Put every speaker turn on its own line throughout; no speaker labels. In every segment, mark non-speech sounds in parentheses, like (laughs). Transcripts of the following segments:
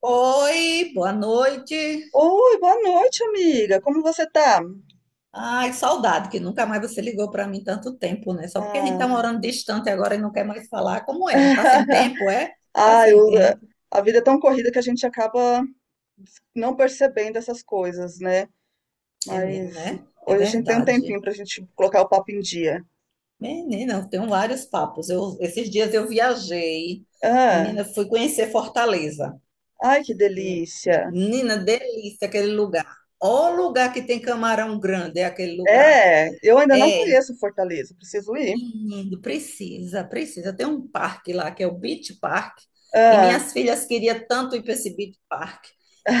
Oi, boa noite.
Oi, boa noite, amiga. Como você tá?
Ai, saudade, que nunca mais você ligou para mim tanto tempo, né? Só porque a gente tá
Ah,
morando distante agora e não quer mais falar. Como é? Tá sem tempo, é?
(laughs)
Tá
ah,
sem
eu-
tempo.
a vida é tão corrida que a gente acaba não percebendo essas coisas, né?
É mesmo,
Mas
né? É
hoje a gente tem um tempinho
verdade.
pra gente colocar o papo em dia.
Menina, eu tenho vários papos. Esses dias eu viajei.
Ah,
Menina, eu fui conhecer Fortaleza.
ai, que delícia.
Menina, delícia aquele lugar. Ó lugar que tem camarão grande, é aquele lugar.
É, eu ainda não
É,
conheço Fortaleza, preciso ir.
Menino, precisa, precisa. Tem um parque lá que é o Beach Park, e
Ah,
minhas filhas queriam tanto ir para esse Beach Park,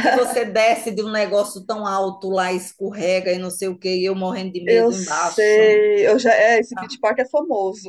que você desce de um negócio tão alto lá, escorrega e não sei o quê, e eu morrendo de
eu
medo embaixo.
sei, esse
Tá?
Beach Park é famoso.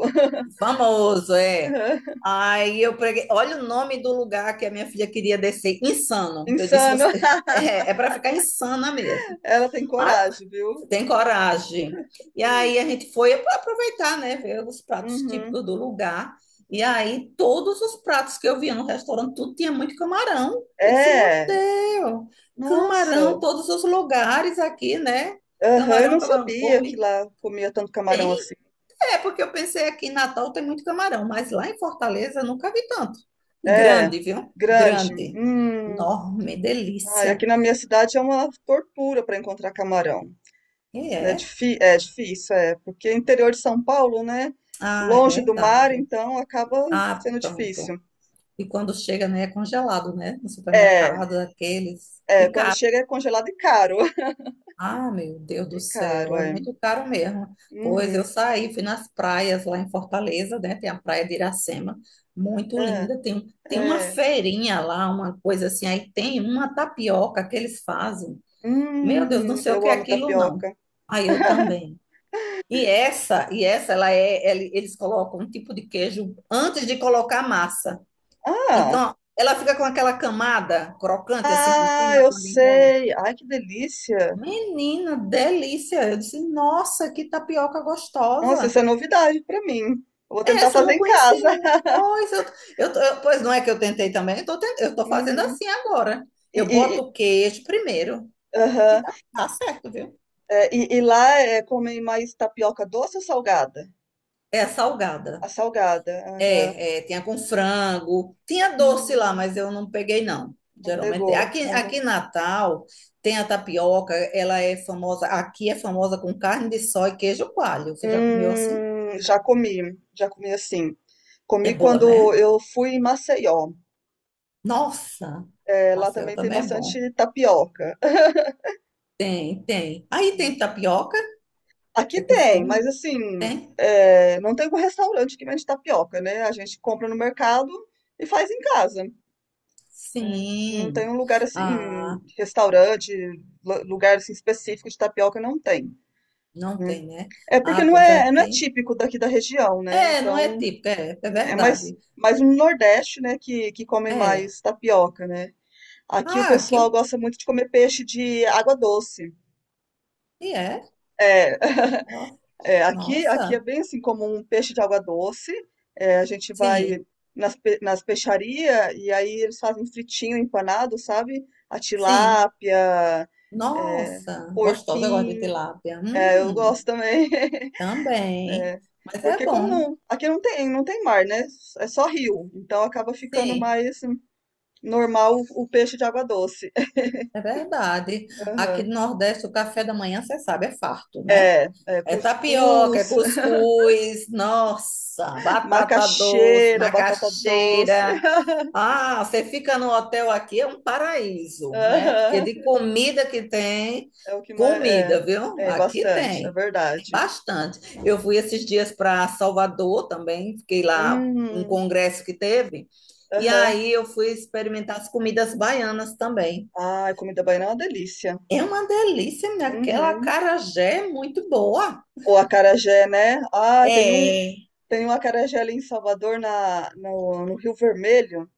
Famoso, é.
(laughs)
Aí eu preguei, olha o nome do lugar que a minha filha queria descer, Insano. Eu disse,
Insano.
você, (laughs) é para ficar insana mesmo.
Ela tem
Ah,
coragem, viu?
tem coragem. E aí a gente foi para aproveitar, né? Ver os pratos
Uhum.
típicos do lugar. E aí todos os pratos que eu via no restaurante, tudo tinha muito camarão. Eu disse, meu
É.
Deus, camarão,
Nossa.
todos os lugares aqui, né?
Aham, eu não
Camarão, camarão,
sabia que
come.
lá comia tanto camarão
Tem?
assim.
É, porque eu pensei aqui em Natal tem muito camarão, mas lá em Fortaleza eu nunca vi tanto. E
É,
grande, viu?
grande.
Grande.
Hum.
Enorme,
Ai, aqui
delícia.
na minha cidade é uma tortura para encontrar camarão.
E
Né?
é.
É, difícil, é, porque interior de São Paulo, né?
Ah, é
Longe do mar,
verdade.
então acaba
Ah,
sendo
pronto.
difícil.
E quando chega, né, é congelado, né? No
É,
supermercado, aqueles.
é, quando chega é congelado e caro. (laughs)
Ah, meu Deus do
E caro,
céu, é
é.
muito caro mesmo. Pois eu
Uhum.
saí, fui nas praias lá em Fortaleza, né? Tem a praia de Iracema, muito
É,
linda. Tem uma
é.
feirinha lá, uma coisa assim. Aí tem uma tapioca que eles fazem. Meu Deus, não sei o que
Eu
é
amo
aquilo, não.
tapioca.
Aí eu
(laughs)
também. E essa, eles colocam um tipo de queijo antes de colocar a massa.
Ah,
Então, ela fica com aquela camada crocante assim por
ah,
cima
eu
quando enrola.
sei. Ai, que delícia.
Menina, delícia! Eu disse, nossa, que tapioca
Nossa, isso
gostosa!
é novidade pra mim. Eu vou tentar
Essa eu
fazer
não
em casa.
conhecia.
(laughs)
Pois, eu, tô- eu- pois não é que eu tentei também, eu tô, ten- eu tô fazendo
Uhum.
assim agora.
E
Eu
e
boto
e
o queijo primeiro. E
aham.
dá certo, viu?
E lá, comem mais tapioca doce ou salgada?
É
A
salgada.
salgada, aham.
Tinha com frango, tinha doce lá,
Hum,
mas eu não peguei, não.
não
Geralmente,
pegou.
aqui,
Aham.
aqui em Natal tem a tapioca, ela é famosa, aqui é famosa com carne de sol e queijo coalho. Você já comeu assim?
Já comi, já comi assim.
É
Comi
boa,
quando
né?
eu fui em Maceió.
Nossa,
Lá
Marcelo
também tem
também é bom.
bastante tapioca. (laughs)
Tem, tem. Aí tem
Hum.
tapioca,
Aqui
é
tem, mas
costume?
assim,
Tem?
não tem um restaurante que vende tapioca, né, a gente compra no mercado e faz em casa. Né? Não tem
Sim.
um lugar assim,
Ah,
restaurante, lugar assim, específico de tapioca, não tem.
não
Né?
tem, né?
É porque
Ah,
não
pois
é, não é
aqui.
típico daqui da região, né?
É, não
Então,
é típico é
é mais,
verdade.
mais no Nordeste, né, que come
É.
mais tapioca, né? Aqui o
Ah,
pessoal
aqui.
gosta muito de comer peixe de água doce.
E é.
É, (laughs)
Ó.
É, aqui é
Nossa,
bem assim como um peixe de água doce. É, a gente vai
sim,
nas peixarias e aí eles fazem fritinho empanado, sabe? A
sim.
tilápia, é,
Nossa, gostosa, eu gosto de
porquinho.
tilápia.
É, eu gosto também. (laughs)
Também.
É,
Mas é
porque como
bom,
não, aqui não tem mar, né? É só rio. Então acaba ficando
sim,
mais normal o peixe de água doce. (laughs)
é verdade. Aqui
Aham.
no Nordeste, o café da manhã, você sabe, é farto, né?
É, é,
É tapioca, é
cuscuz,
cuscuz, nossa,
(laughs)
batata doce,
macaxeira, batata doce.
macaxeira.
(laughs)
Ah, você fica no hotel aqui, é um paraíso, né? Porque
Aham.
de comida que tem,
É o que mais. É,
comida, viu?
é
Aqui
bastante, é
tem
verdade.
bastante. Eu fui esses dias para Salvador também, fiquei lá num
Hum,
congresso que teve, e
aham.
aí eu fui experimentar as comidas baianas também.
Ah, comida baiana é uma delícia.
É uma delícia, minha. Aquela
Uhum.
acarajé é muito boa.
O acarajé, né? Ah, tem um,
É.
tem um acarajé ali em Salvador, na, no, no Rio Vermelho,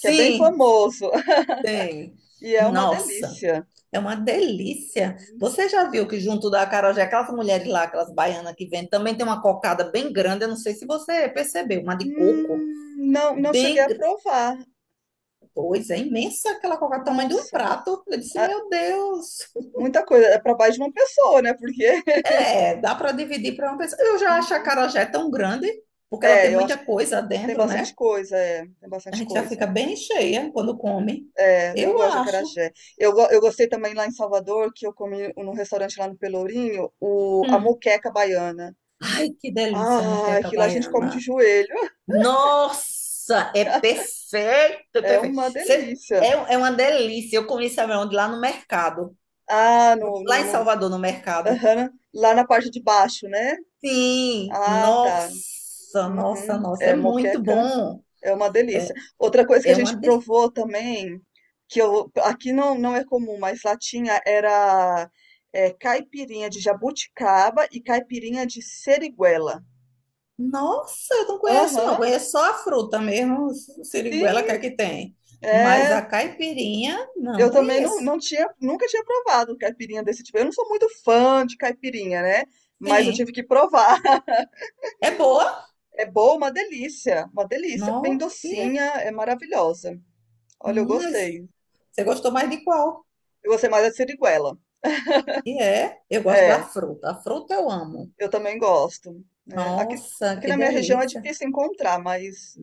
que é bem famoso. (laughs)
tem.
E é uma
Nossa,
delícia.
é uma delícia. Você já viu que junto da acarajé, aquelas mulheres lá, aquelas baianas que vendem, também tem uma cocada bem grande, eu não sei se você percebeu, uma de coco,
Não, não cheguei
bem...
a
gr-
provar.
Pois é, imensa aquela cocada, tamanho de um
Nossa,
prato. Eu disse,
ah,
meu Deus,
muita coisa. É para mais de uma pessoa, né? Porque. (laughs)
é, dá para dividir para uma pessoa. Eu já acho a
Uhum.
acarajé tão grande, porque ela tem
É, eu
muita
acho que
coisa
tem
dentro,
bastante
né?
coisa, é, tem
A
bastante
gente já
coisa.
fica bem cheia quando come.
É, eu
Eu
gosto de
acho.
acarajé. Eu gostei também lá em Salvador, que eu comi num restaurante lá no Pelourinho, a
Hum.
moqueca baiana.
Ai, que delícia,
Ah,
moqueca
aquilo a gente come de
baiana.
joelho.
Nossa, é
(laughs)
perfeito, é
É
perfeito.
uma
Você- é,
delícia.
é uma delícia. Eu comi sabe onde? Lá no mercado.
Ah,
Lá em Salvador, no mercado.
aham, lá na parte de baixo, né?
Sim,
Ah, tá.
nossa, nossa,
Uhum.
nossa, é
É,
muito
moqueca
bom.
é uma delícia. Outra coisa que a
É uma
gente
delícia.
provou também, aqui não é comum, mas lá tinha, era caipirinha de jabuticaba e caipirinha de seriguela.
Nossa, eu não conheço, não.
Aham,
Conheço só a fruta mesmo, siriguela
sim.
que aqui tem. Mas
É,
a caipirinha, não
eu também não,
conheço.
não tinha, nunca tinha provado um caipirinha desse tipo. Eu não sou muito fã de caipirinha, né? Mas eu tive
Sim.
que provar. (laughs)
É boa?
É boa, uma delícia, uma delícia. Bem
Não.
docinha, é maravilhosa. Olha, eu
Hum,
gostei.
Você gostou mais de qual?
Eu gostei mais da siriguela.
E é, eu gosto da
É,
fruta. A fruta eu amo.
eu também gosto. Né? Aqui,
Nossa,
aqui
que
na minha região é
delícia.
difícil encontrar, mas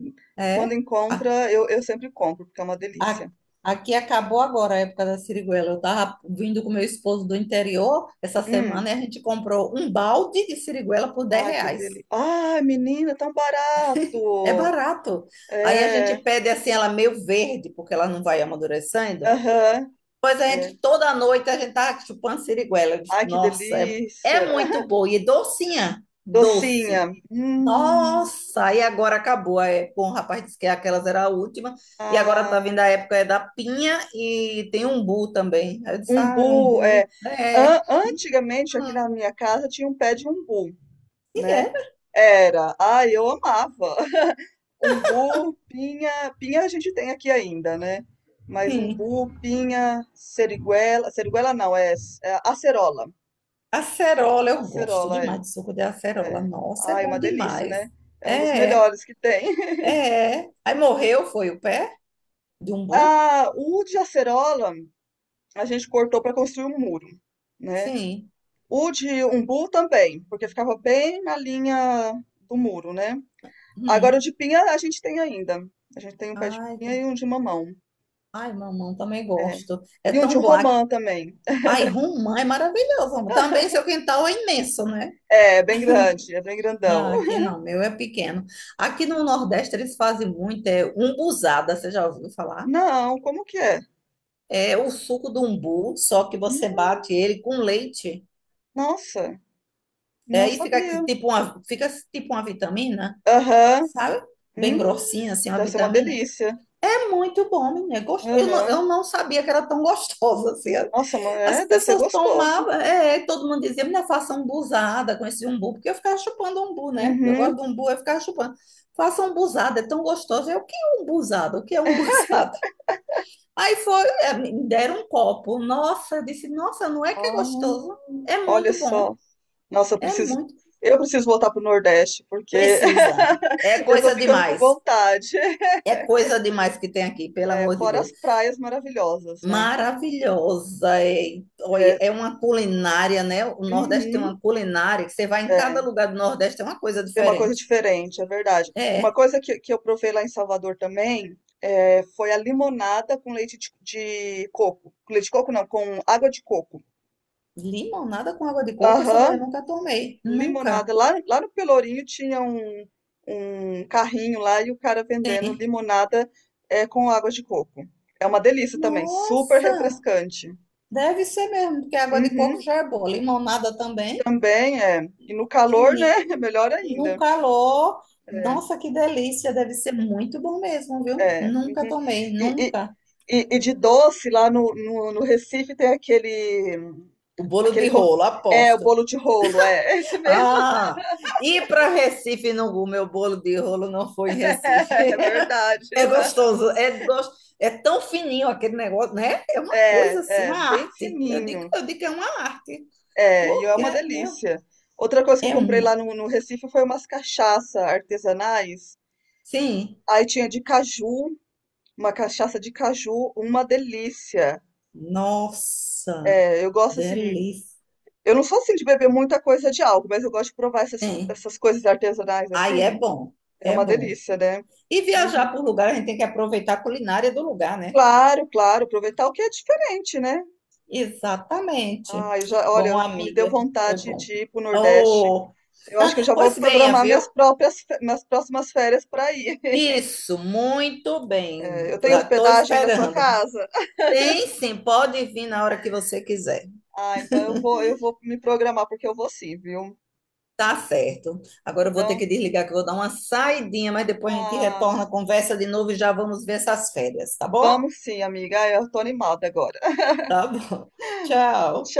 quando
É. A-
encontra, eu sempre compro, porque é uma
a-
delícia.
aqui acabou agora a época da siriguela. Eu tava vindo com meu esposo do interior essa
Hum,
semana e a gente comprou um balde de siriguela por 10
Ai, que
reais.
delícia. Ai, menina, é tão
É
barato.
barato. Aí a gente
É.
pede assim, ela meio verde, porque ela não vai amadurecendo.
Aham,
Pois a
é.
gente, toda noite, a gente tá chupando siriguela. Eu disse,
Ai, que
Nossa, é
delícia.
muito boa e docinha.
Docinha.
Doce. Nossa, e agora acabou. É, bom, o rapaz disse que aquelas era a última. E agora tá
Ah,
vindo a época é da pinha e tem umbu também. Aí eu disse, ah, é
umbu,
umbu.
é.
É.
Antigamente, aqui na minha casa, tinha um pé de umbu,
E
né?
é
Era. Ai, eu amava. (laughs) Umbu, pinha. Pinha a gente tem aqui ainda, né? Mas
assim.
umbu, pinha, seriguela. Seriguela não, é acerola.
Acerola, eu gosto
Acerola, é,
demais de suco de acerola.
é.
Nossa, é
Ai,
bom
uma delícia,
demais.
né? É um dos
É,
melhores que tem. (laughs)
é. É. Aí morreu, foi o pé de umbu?
Ah, o de acerola. A gente cortou para construir um muro, né?
Sim.
O de umbu também, porque ficava bem na linha do muro, né? Agora o
Hum.
de pinha a gente tem ainda. A gente tem um pé de
Ai,
pinha
que-
e um de mamão.
ai, mamão, também
É.
gosto. É
E um de
tão bom.
romã também.
Ai, romã é maravilhoso, amor. Também
(laughs)
seu quintal é imenso, né?
É, bem grande, é bem grandão.
Ah, aqui
(laughs)
não, meu é pequeno. Aqui no Nordeste eles fazem muito, é umbuzada, você já ouviu falar?
Não, como que é?
É o suco do umbu, só que você
Hum,
bate ele com leite,
Nossa,
é,
não
e fica que-
sabia.
tipo uma, fica tipo uma vitamina,
Aham,
sabe? Bem
hum,
grossinha, assim, uma
deve ser uma
vitamina.
delícia.
É muito bom, menina. Eu não, eu
Aham.
não sabia que era tão gostosa assim.
Nossa, mas
As
deve ser
pessoas
gostoso.
tomavam, é, todo mundo dizia, minha faça umbuzada com esse umbu, porque eu ficava chupando umbu, né? Eu
Uhum.
gosto do umbu, eu ficava chupando. Faça umbuzada, é tão gostoso. O que é umbuzada? O que é umbuzada? (laughs) Aí foi, é, me deram um copo. Nossa, eu disse, nossa, não é que é
Ah,
gostoso? É
olha
muito bom,
só. Nossa, eu
é
preciso,
muito.
eu preciso voltar pro Nordeste, porque
Precisa. É
(laughs) já tô
coisa
ficando com
demais.
vontade.
É coisa demais que tem aqui, pelo
É,
amor de
fora
Deus.
as praias maravilhosas, né?
Maravilhosa, é, olha,
É,
é uma culinária, né? O Nordeste tem
uhum,
uma culinária que você vai em cada
é,
lugar do Nordeste, é uma coisa
tem uma coisa
diferente.
diferente, é verdade. Uma
É,
coisa que eu provei lá em Salvador também foi a limonada com leite de coco. Com leite de coco não, com água de coco.
limonada com água de coco, essa daí
Aham,
eu nunca tomei, nunca.
limonada. Lá no Pelourinho tinha um carrinho lá e o cara vendendo
Tem.
limonada com água de coco. É uma delícia também, super
Nossa,
refrescante.
deve ser mesmo, porque a água de coco
Uhum,
já é boa, limonada também.
também é. E no calor, né? (laughs) É
Menino,
melhor
no
ainda.
calor,
É.
nossa, que delícia, deve ser muito bom mesmo, viu?
É.
Nunca
Uhum.
tomei,
E, e,
nunca.
e de doce, lá no Recife tem aquele,
O bolo
aquele.
de rolo,
É, o
aposto.
bolo de rolo, é. (laughs) É esse mesmo.
Ah, ir para Recife não, o meu bolo de rolo não foi em
(laughs)
Recife.
É,
(laughs)
verdade.
É gostoso, é tão fininho aquele negócio, né? É uma coisa assim,
É, é,
uma
bem
arte. Eu digo,
fininho.
eu digo que é uma arte,
É, e é
porque
uma
meu,
delícia. Outra coisa que eu
é
comprei
uma.
lá no Recife foi umas cachaça artesanais.
Sim,
Aí tinha de caju, uma cachaça de caju, uma delícia.
nossa,
É, eu gosto assim,
delícia.
eu não sou assim de beber muita coisa de álcool, mas eu gosto de provar essas,
Sim.
essas coisas artesanais
Aí é
assim.
bom,
É
é
uma
bom.
delícia, né?
E
Uhum.
viajar por lugar, a gente tem que aproveitar a culinária do lugar, né?
Claro, claro, aproveitar o que é diferente, né?
Exatamente.
Ah,
Bom,
olha, me deu
amiga, foi
vontade
bom.
de ir pro Nordeste.
Oh,
Eu acho que eu
(laughs)
já vou
pois venha,
programar
viu?
minhas próximas férias para ir.
Isso, muito
É,
bem.
eu tenho
Já estou
hospedagem aí na sua
esperando.
casa?
Tem sim, pode vir na hora que você quiser.
Ah, então eu vou, me programar porque eu vou sim, viu?
Tá certo. Agora eu vou ter
Então,
que desligar que eu vou dar uma saidinha, mas depois a gente
ah,
retorna a conversa de novo e já vamos ver essas férias, tá bom?
vamos sim, amiga. Ah, eu tô animada agora.
Tá bom. (laughs) Tchau.